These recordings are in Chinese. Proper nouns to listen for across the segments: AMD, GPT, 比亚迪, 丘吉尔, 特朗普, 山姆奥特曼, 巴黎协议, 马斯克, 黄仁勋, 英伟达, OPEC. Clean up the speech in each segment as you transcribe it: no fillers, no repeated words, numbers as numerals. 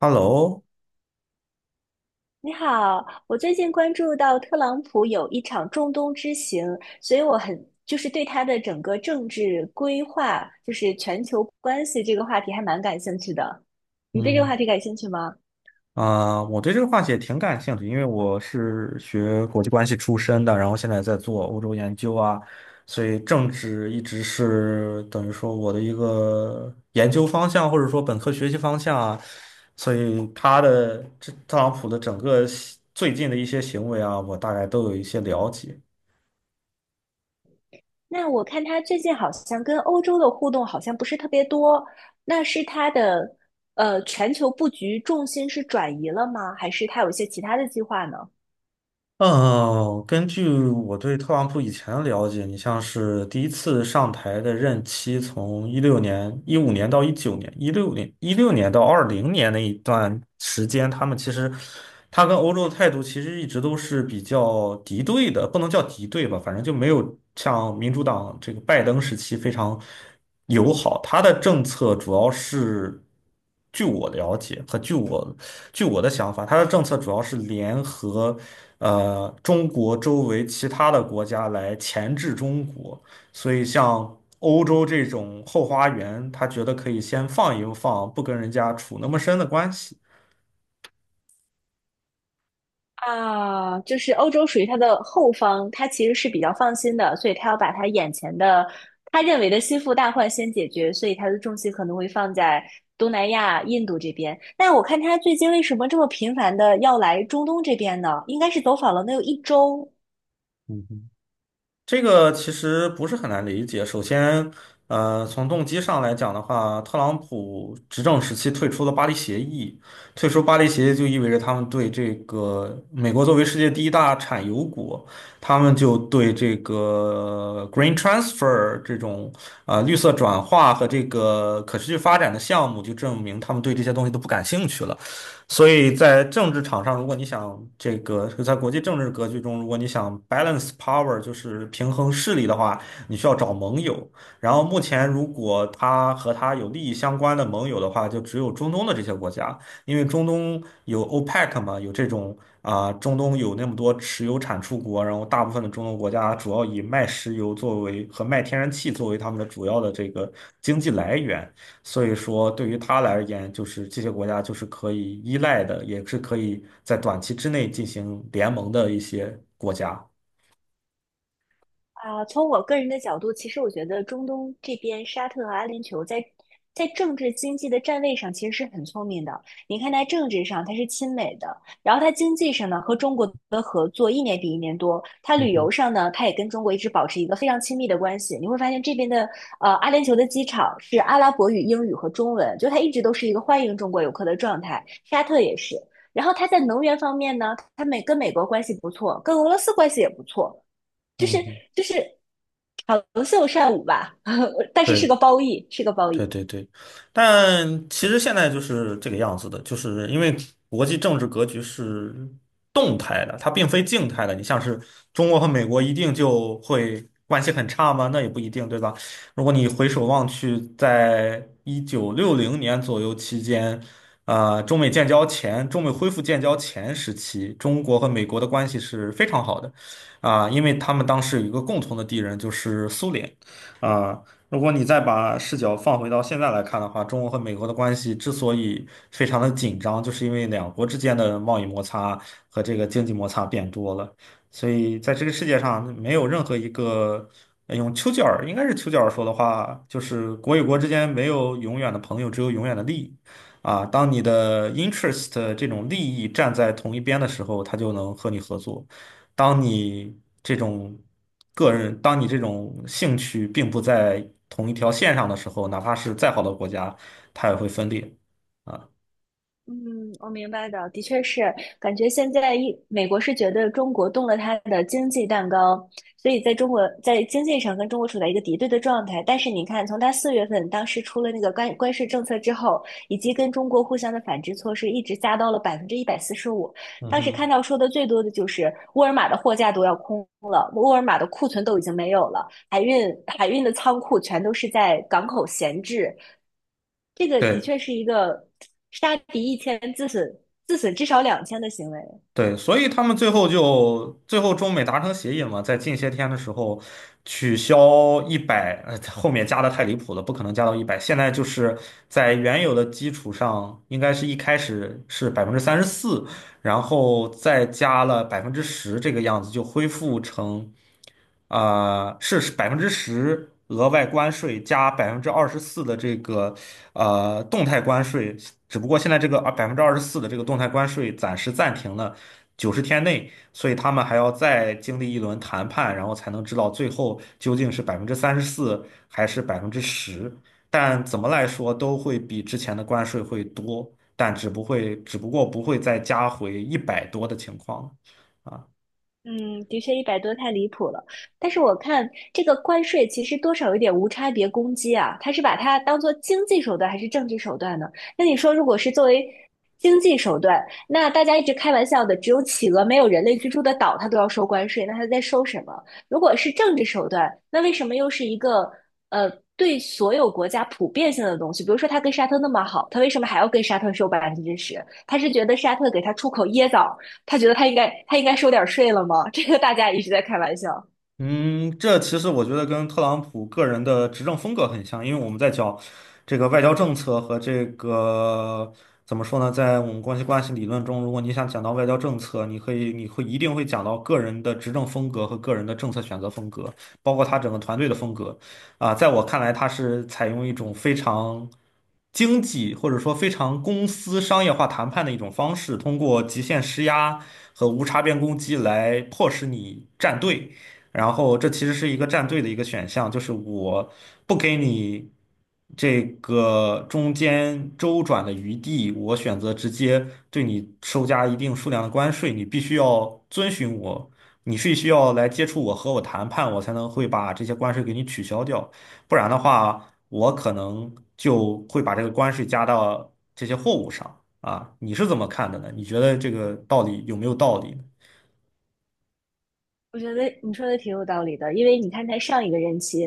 Hello，你好，我最近关注到特朗普有一场中东之行，所以我很对他的整个政治规划，就是全球关系这个话题还蛮感兴趣的。你对这个嗯话题感兴趣吗？我对这个话题也挺感兴趣，因为我是学国际关系出身的，然后现在在做欧洲研究，所以政治一直是等于说我的一个研究方向，或者说本科学习方向，所以他特朗普的整个行最近的一些行为，我大概都有一些了解。那我看他最近好像跟欧洲的互动好像不是特别多，那是他的全球布局重心是转移了吗？还是他有一些其他的计划呢？嗯，根据我对特朗普以前的了解，你像是第一次上台的任期从一六年、2015年到2019年、一六年到2020年那一段时间，他们其实他跟欧洲的态度其实一直都是比较敌对的，不能叫敌对吧，反正就没有像民主党这个拜登时期非常友好。他的政策主要是，据我了解和据我的想法，他的政策主要是联合。中国周围其他的国家来钳制中国，所以像欧洲这种后花园，他觉得可以先放一放，不跟人家处那么深的关系。啊，就是欧洲属于他的后方，他其实是比较放心的，所以他要把他眼前的他认为的心腹大患先解决，所以他的重心可能会放在东南亚、印度这边。但我看他最近为什么这么频繁的要来中东这边呢？应该是走访了能有一周。这个其实不是很难理解。首先，从动机上来讲的话，特朗普执政时期退出了巴黎协议，退出巴黎协议就意味着他们对这个美国作为世界第一大产油国，他们就对这个 green transfer 这种绿色转化和这个可持续发展的项目，就证明他们对这些东西都不感兴趣了。所以在政治场上，如果你想这个在国际政治格局中，如果你想 balance power,就是平衡势力的话，你需要找盟友。然后目前，如果他和他有利益相关的盟友的话，就只有中东的这些国家，因为中东有 OPEC 嘛，有这种中东有那么多石油产出国，然后大部分的中东国家主要以卖石油作为和卖天然气作为他们的主要的这个经济来源。所以说，对于他来而言，就是这些国家就是可以依赖的，也是可以在短期之内进行联盟的一些国家。啊，从我个人的角度，其实我觉得中东这边沙特和阿联酋在政治经济的站位上其实是很聪明的。你看，它政治上它是亲美的，然后它经济上呢和中国的合作一年比一年多，它嗯旅哼。游上呢它也跟中国一直保持一个非常亲密的关系。你会发现这边的阿联酋的机场是阿拉伯语、英语和中文，就它一直都是一个欢迎中国游客的状态。沙特也是，然后它在能源方面呢，它跟美国关系不错，跟俄罗斯关系也不错。就是嗯。就是好龙秀善舞吧，但是是对，个褒义，是个褒对义。对对，但其实现在就是这个样子的，就是因为国际政治格局是动态的，它并非静态的。你像是中国和美国一定就会关系很差吗？那也不一定，对吧？如果你回首望去，在1960年左右期间，中美建交前，中美恢复建交前时期，中国和美国的关系是非常好的，因为他们当时有一个共同的敌人，就是苏联。啊、如果你再把视角放回到现在来看的话，中国和美国的关系之所以非常的紧张，就是因为两国之间的贸易摩擦和这个经济摩擦变多了。所以在这个世界上，没有任何一个用丘吉尔应该是丘吉尔说的话，就是国与国之间没有永远的朋友，只有永远的利益。当你的 interest 这种利益站在同一边的时候，他就能和你合作。当你这种当你这种兴趣并不在同一条线上的时候，哪怕是再好的国家，它也会分裂。啊。嗯，我明白的，的确是，感觉现在美国是觉得中国动了它的经济蛋糕，所以在中国在经济上跟中国处在一个敌对的状态。但是你看，从它四月份当时出了那个关税政策之后，以及跟中国互相的反制措施，一直加到了百分之一百四十五。嗯当时看哼。到说的最多的就是沃尔玛的货架都要空了，沃尔玛的库存都已经没有了，海运的仓库全都是在港口闲置，这个的对。确是一个杀敌一千自损至少两千的行为。对，所以他们最后中美达成协议嘛，在近些天的时候取消一百，后面加的太离谱了，不可能加到一百。现在就是在原有的基础上，应该是一开始是百分之三十四，然后再加了百分之十这个样子，就恢复成是百分之十额外关税加百分之二十四的这个动态关税，只不过现在这个百分之二十四的这个动态关税暂时暂停了。90天内，所以他们还要再经历一轮谈判，然后才能知道最后究竟是百分之三十四还是百分之十。但怎么来说都会比之前的关税会多，但只不过不会再加回一百多的情况。嗯，的确一百多太离谱了。但是我看这个关税其实多少有点无差别攻击啊，他是把它当做经济手段还是政治手段呢？那你说，如果是作为经济手段，那大家一直开玩笑的，只有企鹅没有人类居住的岛，它都要收关税，那它在收什么？如果是政治手段，那为什么又是一个呃对所有国家普遍性的东西？比如说，它跟沙特那么好，它为什么还要跟沙特收百分之十？他是觉得沙特给他出口椰枣他觉得他应该收点税了吗？这个大家一直在开玩笑。嗯，这其实我觉得跟特朗普个人的执政风格很像，因为我们在讲这个外交政策和这个怎么说呢，在我们关系理论中，如果你想讲到外交政策，你可以你会一定会讲到个人的执政风格和个人的政策选择风格，包括他整个团队的风格。在我看来，他是采用一种非常经济或者说非常公司商业化谈判的一种方式，通过极限施压和无差别攻击来迫使你站队。然后这其实是一个站队的一个选项，就是我不给你这个中间周转的余地，我选择直接对你收加一定数量的关税，你必须要遵循我，你是需要来接触我和我谈判，我才能会把这些关税给你取消掉，不然的话，我可能就会把这个关税加到这些货物上。你是怎么看的呢？你觉得这个道理有没有道理。我觉得你说的挺有道理的，因为你看他上一个任期，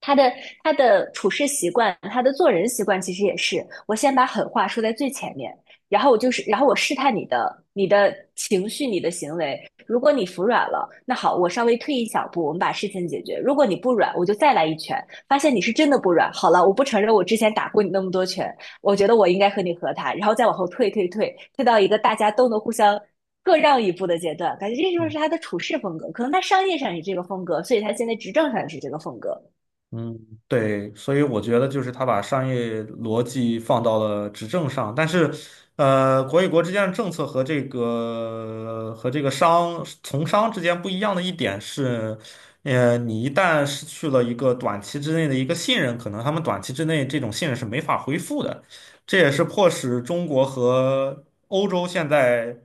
他的他的处事习惯，他的做人习惯，其实也是，我先把狠话说在最前面，然后我就是，然后我试探你的情绪、你的行为。如果你服软了，那好，我稍微退一小步，我们把事情解决。如果你不软，我就再来一拳，发现你是真的不软。好了，我不承认我之前打过你那么多拳，我觉得我应该和你和谈，然后再往后退，退到一个大家都能互相。各让一步的阶段，感觉这就嗯。是他的处事风格，可能他商业上也是这个风格，所以他现在执政上也是这个风格。嗯，对，所以我觉得就是他把商业逻辑放到了执政上，但是，国与国之间的政策和这个商从商之间不一样的一点是，你一旦失去了一个短期之内的一个信任，可能他们短期之内这种信任是没法恢复的，这也是迫使中国和欧洲现在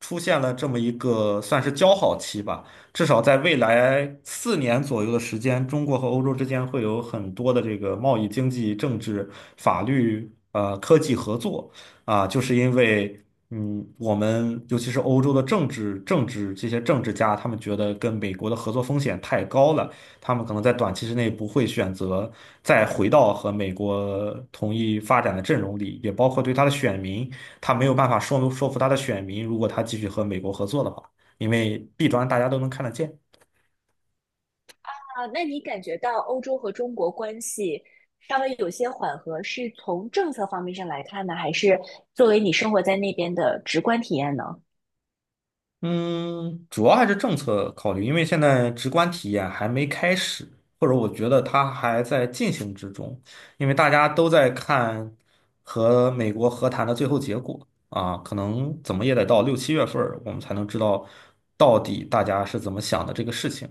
出现了这么一个算是交好期吧。至少在未来4年左右的时间，中国和欧洲之间会有很多的这个贸易、经济、政治、法律、科技合作，就是因为我们尤其是欧洲的政治政治这些政治家，他们觉得跟美国的合作风险太高了，他们可能在短期之内不会选择再回到和美国同一发展的阵容里，也包括对他的选民，他没有办法说服他的选民，如果他继续和美国合作的话。因为弊端大家都能看得见。啊，那你感觉到欧洲和中国关系稍微有些缓和，是从政策方面上来看呢，还是作为你生活在那边的直观体验呢？嗯，主要还是政策考虑，因为现在直观体验还没开始，或者我觉得它还在进行之中，因为大家都在看和美国和谈的最后结果，可能怎么也得到6、7月份儿，我们才能知道到底大家是怎么想的这个事情。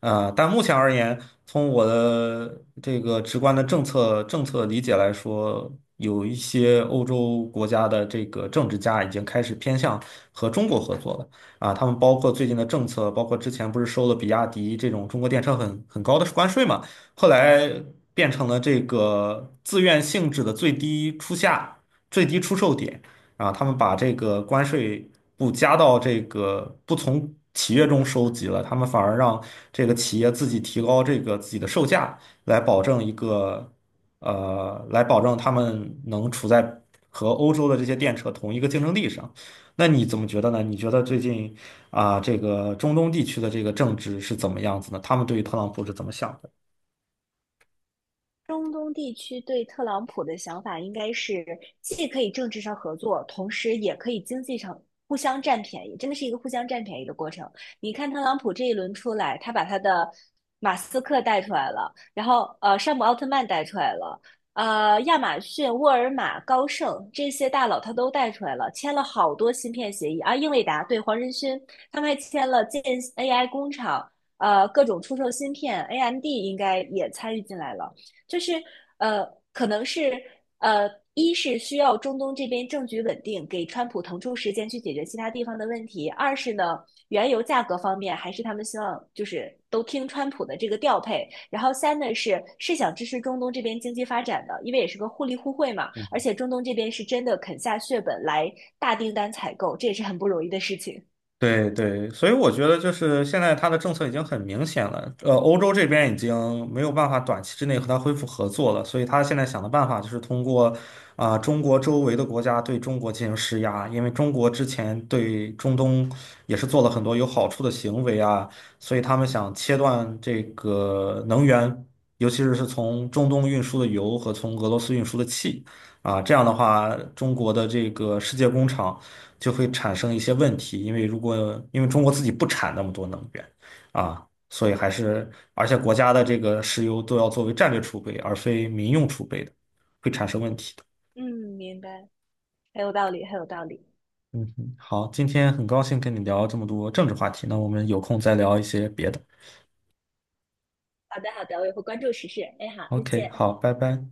但目前而言，从我的这个直观的政策理解来说，有一些欧洲国家的这个政治家已经开始偏向和中国合作了。他们包括最近的政策，包括之前不是收了比亚迪这种中国电车很高的关税嘛，后来变成了这个自愿性质的最低出价、最低出售点，他们把这个关税不加到这个不从企业中收集了，他们反而让这个企业自己提高这个自己的售价，来保证一个来保证他们能处在和欧洲的这些电车同一个竞争力上。那你怎么觉得呢？你觉得最近这个中东地区的这个政治是怎么样子呢？他们对于特朗普是怎么想的？中东地区对特朗普的想法应该是，既可以政治上合作，同时也可以经济上互相占便宜，真的是一个互相占便宜的过程。你看特朗普这一轮出来，他把他的马斯克带出来了，然后山姆奥特曼带出来了，亚马逊、沃尔玛、高盛这些大佬他都带出来了，签了好多芯片协议啊，英伟达对黄仁勋，他们还签了建 AI 工厂，各种出售芯片，AMD 应该也参与进来了。就是呃，可能是呃，一是需要中东这边政局稳定，给川普腾出时间去解决其他地方的问题；二是呢，原油价格方面还是他们希望就是都听川普的这个调配；然后三呢是想支持中东这边经济发展的，因为也是个互利互惠嘛，而且中东这边是真的肯下血本来大订单采购，这也是很不容易的事情。对对，所以我觉得就是现在它的政策已经很明显了，欧洲这边已经没有办法短期之内和它恢复合作了，所以他现在想的办法就是通过中国周围的国家对中国进行施压，因为中国之前对中东也是做了很多有好处的行为，所以他们想切断这个能源，尤其是从中东运输的油和从俄罗斯运输的气，这样的话，中国的这个世界工厂，就会产生一些问题，因为因为中国自己不产那么多能源，所以而且国家的这个石油都要作为战略储备，而非民用储备的，会产生问题的。嗯，明白，很有道理，很有道理。嗯哼。好，今天很高兴跟你聊这么多政治话题，那我们有空再聊一些别的。好的，好的，我也会关注时事。哎，好，再 OK,见。好，拜拜。